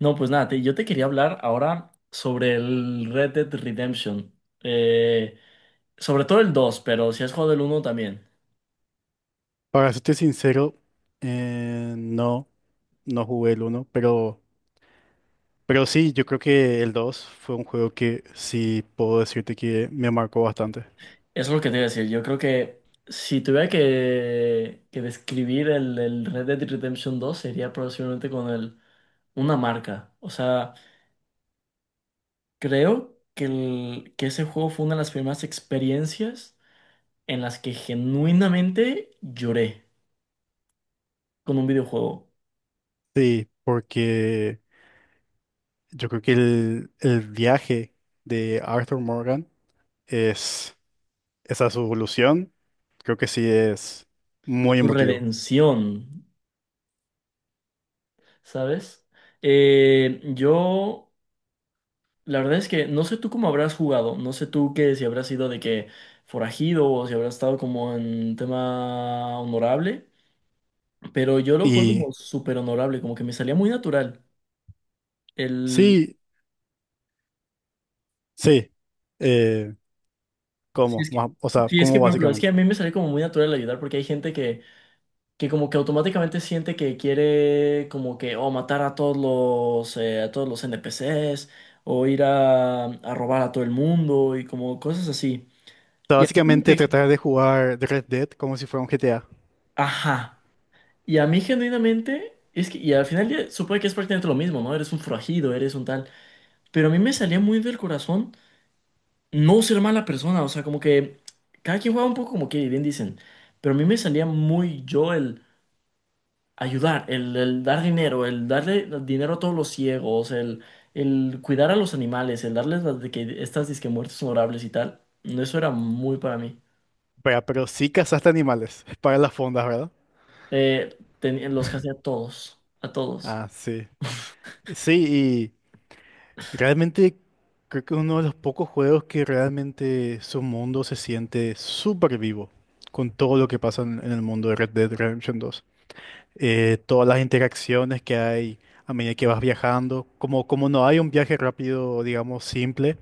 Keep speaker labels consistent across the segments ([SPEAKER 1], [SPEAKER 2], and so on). [SPEAKER 1] No, pues nada, yo te quería hablar ahora sobre el Red Dead Redemption. Eh, sobre todo el 2 pero si has jugado el uno también.
[SPEAKER 2] Para serte sincero, no, no jugué el uno, pero sí, yo creo que el 2 fue un juego que sí puedo decirte que me marcó bastante.
[SPEAKER 1] Eso es lo que te iba a decir. Yo creo que si tuviera que describir el Red Dead Redemption dos sería posiblemente con el, una marca. O sea, creo que, que ese juego fue una de las primeras experiencias en las que genuinamente lloré con un videojuego.
[SPEAKER 2] Sí, porque yo creo que el viaje de Arthur Morgan es esa su evolución, creo que sí es muy
[SPEAKER 1] Su
[SPEAKER 2] emotivo.
[SPEAKER 1] redención. ¿Sabes? Yo, la verdad es que no sé tú cómo habrás jugado, no sé tú que si habrás sido de que forajido o si habrás estado como en tema honorable, pero yo lo juego
[SPEAKER 2] Y
[SPEAKER 1] como súper honorable, como que me salía muy natural. El,
[SPEAKER 2] sí, sí, eh,
[SPEAKER 1] si
[SPEAKER 2] ¿cómo?
[SPEAKER 1] es que,
[SPEAKER 2] O sea,
[SPEAKER 1] si es
[SPEAKER 2] ¿cómo
[SPEAKER 1] que, por ejemplo, es que
[SPEAKER 2] básicamente?
[SPEAKER 1] a mí me sale como muy natural ayudar porque hay gente que como que automáticamente siente que quiere como que, o matar a todos los NPCs o ir a robar a todo el mundo y como cosas así.
[SPEAKER 2] O sea,
[SPEAKER 1] Y a mí como
[SPEAKER 2] básicamente
[SPEAKER 1] que,
[SPEAKER 2] tratar de jugar Red Dead como si fuera un GTA.
[SPEAKER 1] ajá. Y a mí genuinamente, es que, y al final ya supongo que es prácticamente lo mismo, ¿no? Eres un forajido, eres un tal. Pero a mí me salía muy del corazón no ser mala persona, o sea, como que cada quien juega un poco como que bien dicen. Pero a mí me salía muy yo el ayudar, el dar dinero, el darle dinero a todos los ciegos, el cuidar a los animales, el darles las de que estas disque muertes honorables y tal. No, eso era muy para mí.
[SPEAKER 2] Vea, pero sí cazaste animales para las fondas, ¿verdad?
[SPEAKER 1] Los que hacía a todos, a todos.
[SPEAKER 2] Ah, sí. Sí, y realmente creo que es uno de los pocos juegos que realmente su mundo se siente súper vivo con todo lo que pasa en el mundo de Red Dead Redemption dos. Todas las interacciones que hay a medida que vas viajando, como, como no hay un viaje rápido, digamos, simple,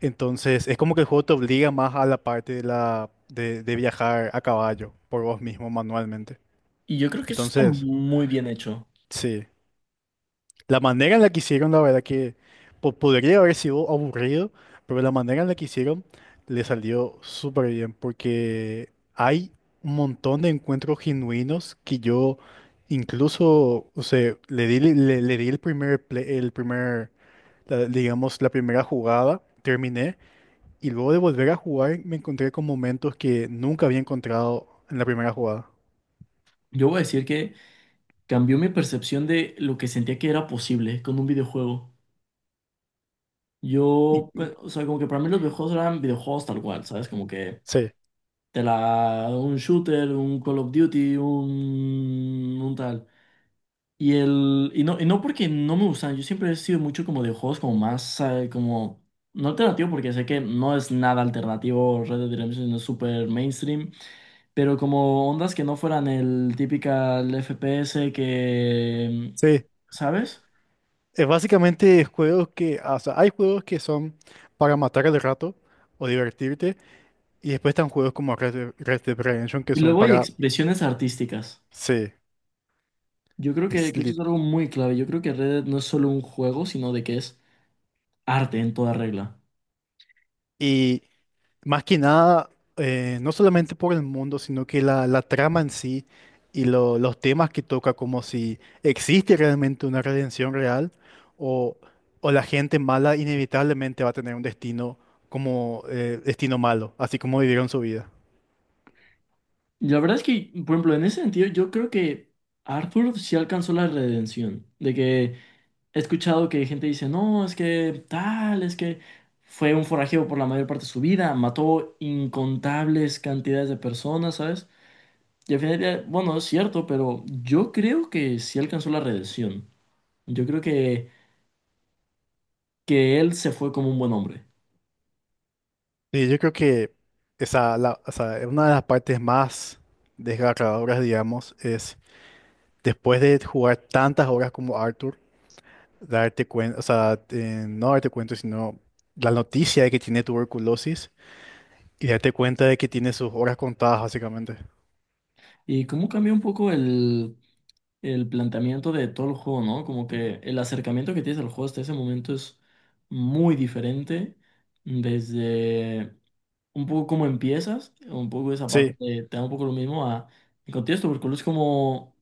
[SPEAKER 2] entonces es como que el juego te obliga más a la parte de viajar a caballo por vos mismo manualmente.
[SPEAKER 1] Y yo creo que eso está
[SPEAKER 2] Entonces,
[SPEAKER 1] muy bien hecho.
[SPEAKER 2] sí. La manera en la que hicieron, la verdad que podría haber sido aburrido, pero la manera en la que hicieron le salió súper bien, porque hay un montón de encuentros genuinos que yo incluso, o sea, le di el el primer, digamos, la primera jugada, terminé, y luego de volver a jugar me encontré con momentos que nunca había encontrado en la primera jugada.
[SPEAKER 1] Yo voy a decir que cambió mi percepción de lo que sentía que era posible con un videojuego.
[SPEAKER 2] Y-
[SPEAKER 1] Yo, pues, o sea, como que para mí los videojuegos eran videojuegos tal cual, ¿sabes? Como que
[SPEAKER 2] Sí,
[SPEAKER 1] te la, un shooter, un Call of Duty, un tal. Y el, y no porque no me gustan, yo siempre he sido mucho como de juegos como más, como, no alternativo porque sé que no es nada alternativo, Red Dead Redemption es súper mainstream. Pero como ondas que no fueran el típica el FPS que,
[SPEAKER 2] sí.
[SPEAKER 1] ¿sabes?
[SPEAKER 2] Es básicamente juegos que, ah, o sea, hay juegos que son para matar el rato o divertirte, y después están juegos como Red Dead Redemption que
[SPEAKER 1] Y
[SPEAKER 2] son
[SPEAKER 1] luego hay
[SPEAKER 2] para,
[SPEAKER 1] expresiones artísticas.
[SPEAKER 2] sí,
[SPEAKER 1] Yo creo que eso es
[SPEAKER 2] slit.
[SPEAKER 1] algo muy clave. Yo creo que Red Dead no es solo un juego, sino de que es arte en toda regla.
[SPEAKER 2] Y más que nada, no solamente por el mundo, sino que la trama en sí y los temas que toca, como si existe realmente una redención real o, o la gente mala inevitablemente va a tener un destino como destino malo, así como vivieron su vida.
[SPEAKER 1] Y la verdad es que, por ejemplo, en ese sentido, yo creo que Arthur sí alcanzó la redención. De que he escuchado que gente dice, no, es que tal, es que fue un forajeo por la mayor parte de su vida, mató incontables cantidades de personas, ¿sabes? Y al final, del día, bueno, es cierto, pero yo creo que sí alcanzó la redención. Yo creo que él se fue como un buen hombre.
[SPEAKER 2] Sí, yo creo que esa, o sea, una de las partes más desgarradoras, digamos, es después de jugar tantas horas como Arthur, darte cuenta, o sea, no darte cuenta, sino la noticia de que tiene tuberculosis y darte cuenta de que tiene sus horas contadas, básicamente.
[SPEAKER 1] Y cómo cambia un poco el planteamiento de todo el juego, ¿no? Como que el acercamiento que tienes al juego hasta ese momento es muy diferente. Desde un poco cómo empiezas, un poco esa parte
[SPEAKER 2] Sí,
[SPEAKER 1] te, te da un poco lo mismo a el contexto, porque es como...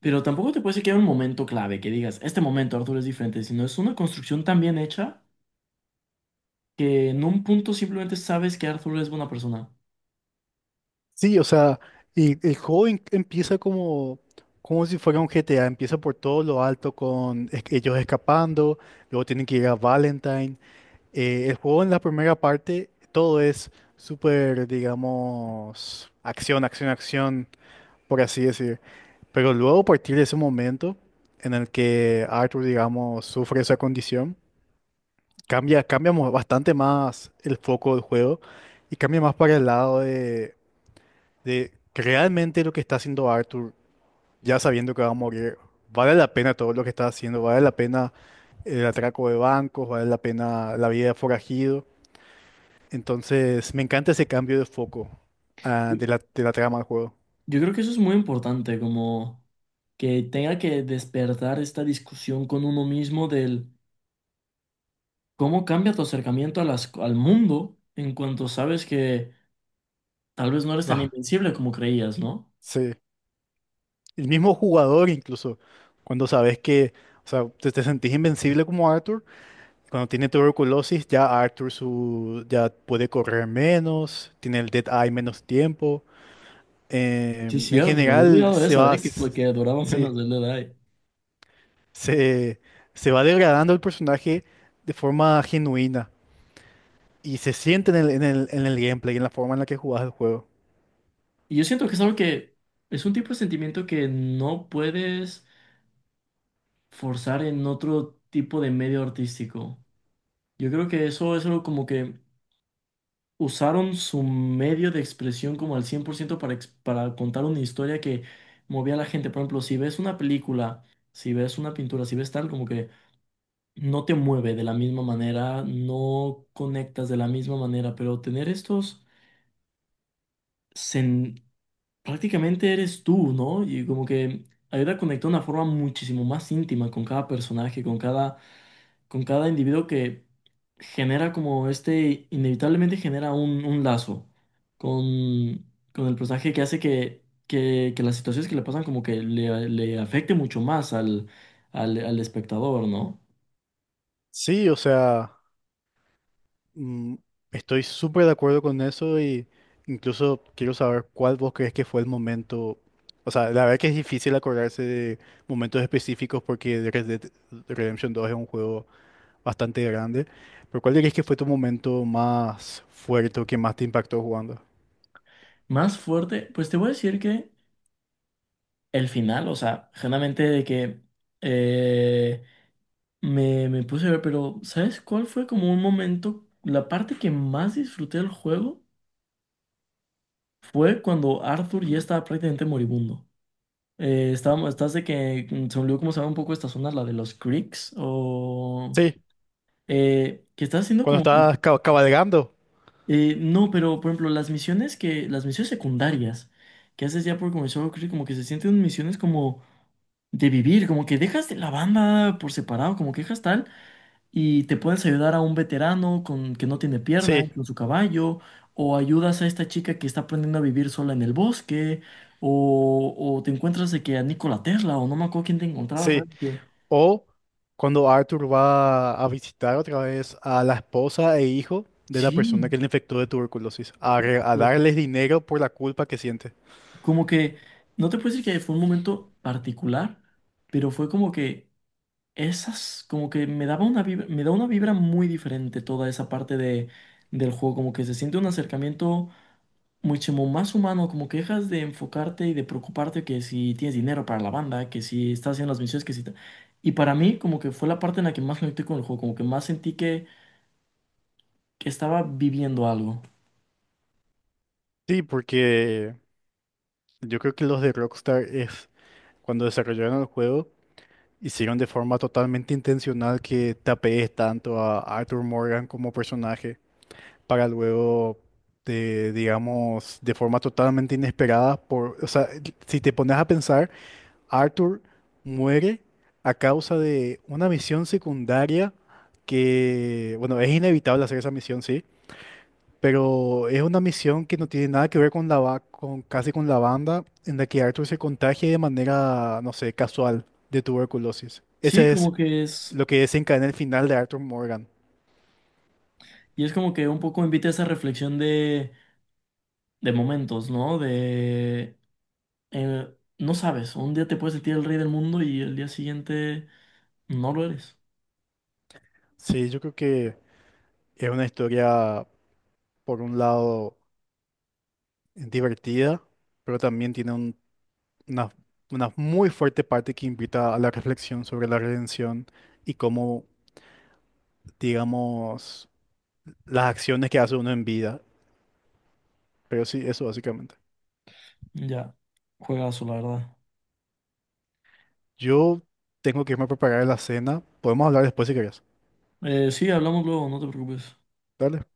[SPEAKER 1] Pero tampoco te puedes decir que hay un momento clave, que digas, este momento, Arthur, es diferente, sino es una construcción tan bien hecha que en un punto simplemente sabes que Arthur es buena persona.
[SPEAKER 2] sí, o sea, y el juego empieza como, como si fuera un GTA, empieza por todo lo alto con ellos escapando, luego tienen que ir a Valentine. El juego en la primera parte, todo es súper, digamos, acción, acción, acción, por así decir. Pero luego, a partir de ese momento en el que Arthur, digamos, sufre esa condición, cambia, bastante más el foco del juego y cambia más para el lado de que realmente lo que está haciendo Arthur, ya sabiendo que va a morir, vale la pena todo lo que está haciendo, vale la pena el atraco de bancos, vale la pena la vida de forajido. Entonces, me encanta ese cambio de foco ah,
[SPEAKER 1] Yo
[SPEAKER 2] de de la trama del juego.
[SPEAKER 1] yo creo que eso es muy importante, como que tenga que despertar esta discusión con uno mismo del cómo cambia tu acercamiento a las, al mundo en cuanto sabes que tal vez no eres tan
[SPEAKER 2] Ah,
[SPEAKER 1] invencible como creías, ¿no?
[SPEAKER 2] sí. El mismo jugador incluso, cuando sabes que, o sea, te sentís invencible como Arthur. Cuando tiene tuberculosis, ya Arthur su, ya puede correr menos, tiene el Dead Eye menos tiempo.
[SPEAKER 1] Sí,
[SPEAKER 2] En
[SPEAKER 1] cierto, se me había
[SPEAKER 2] general,
[SPEAKER 1] olvidado
[SPEAKER 2] se
[SPEAKER 1] eso,
[SPEAKER 2] va,
[SPEAKER 1] ¿eh? Que fue que duraba
[SPEAKER 2] sí,
[SPEAKER 1] menos de la edad.
[SPEAKER 2] se, se va degradando el personaje de forma genuina y se siente en en el gameplay, en la forma en la que jugás el juego.
[SPEAKER 1] Y yo siento que es algo que es un tipo de sentimiento que no puedes forzar en otro tipo de medio artístico. Yo creo que eso es algo como que usaron su medio de expresión como al 100% para, para contar una historia que movía a la gente. Por ejemplo, si ves una película, si ves una pintura, si ves tal, como que no te mueve de la misma manera, no conectas de la misma manera, pero tener estos, prácticamente eres tú, ¿no? Y como que ayuda a conectar de una forma muchísimo más íntima con cada personaje, con cada individuo que genera como este, inevitablemente genera un lazo con, con el personaje que hace que las situaciones que le pasan como que le afecte mucho más al, al, al espectador, ¿no?
[SPEAKER 2] Sí, o sea, mm, estoy súper de acuerdo con eso y incluso quiero saber cuál vos crees que fue el momento. O sea, la verdad que es difícil acordarse de momentos específicos porque Red Dead Redemption dos es un juego bastante grande, pero ¿cuál dirías que fue tu momento más fuerte o que más te impactó jugando?
[SPEAKER 1] Más fuerte, pues te voy a decir que el final, o sea, generalmente de que... eh, me, me puse a ver, pero ¿sabes cuál fue como un momento? La parte que más disfruté del juego fue cuando Arthur ya estaba prácticamente moribundo. Estábamos, estás de que se me olvidó cómo se llama un poco esta zona, la de los creeks, o
[SPEAKER 2] Sí,
[SPEAKER 1] que estás haciendo
[SPEAKER 2] cuando
[SPEAKER 1] como
[SPEAKER 2] estabas cabalgando.
[SPEAKER 1] no, pero por ejemplo, las misiones que, las misiones secundarias que haces ya por comenzar Creek, como que se sienten misiones como de vivir, como que dejas de la banda por separado, como que dejas tal. Y te puedes ayudar a un veterano con que no tiene pierna,
[SPEAKER 2] Sí,
[SPEAKER 1] con su caballo, o ayudas a esta chica que está aprendiendo a vivir sola en el bosque, o te encuentras de que a Nikola Tesla, o no me acuerdo quién te encontraba,
[SPEAKER 2] sí.
[SPEAKER 1] ¿sabes? Que,
[SPEAKER 2] O cuando Arthur va a visitar otra vez a la esposa e hijo de la
[SPEAKER 1] sí,
[SPEAKER 2] persona que le infectó de tuberculosis, a, a
[SPEAKER 1] justo.
[SPEAKER 2] darles dinero por la culpa que siente.
[SPEAKER 1] Como que, no te puedo decir que fue un momento particular, pero fue como que esas, como que me daba una vibra, me da una vibra muy diferente toda esa parte de, del juego, como que se siente un acercamiento muchísimo más humano, como que dejas de enfocarte y de preocuparte que si tienes dinero para la banda, que si estás haciendo las misiones, que si... ta- Y para mí como que fue la parte en la que más conecté con el juego, como que más sentí que estaba viviendo algo.
[SPEAKER 2] Sí, porque yo creo que los de Rockstar es cuando desarrollaron el juego, hicieron de forma totalmente intencional que te apegues tanto a Arthur Morgan como personaje para luego te, digamos, de forma totalmente inesperada, por, o sea, si te pones a pensar Arthur muere a causa de una misión secundaria que, bueno, es inevitable hacer esa misión, sí, pero es una misión que no tiene nada que ver con la con casi con la banda en la que Arthur se contagia de manera, no sé, casual de tuberculosis.
[SPEAKER 1] Sí,
[SPEAKER 2] Ese
[SPEAKER 1] como
[SPEAKER 2] es
[SPEAKER 1] que es...
[SPEAKER 2] lo que desencadena el final de Arthur Morgan.
[SPEAKER 1] Y es como que un poco invita a esa reflexión de momentos, ¿no? De... eh, no sabes, un día te puedes sentir el rey del mundo y el día siguiente no lo eres.
[SPEAKER 2] Sí, yo creo que es una historia, por un lado, divertida, pero también tiene un una, una muy fuerte parte que invita a la reflexión sobre la redención y cómo, digamos, las acciones que hace uno en vida. Pero sí, eso básicamente.
[SPEAKER 1] Ya, juegazo, la verdad.
[SPEAKER 2] Yo tengo que irme a preparar la cena. Podemos hablar después si querés.
[SPEAKER 1] Sí, hablamos luego, no te preocupes.
[SPEAKER 2] Dale.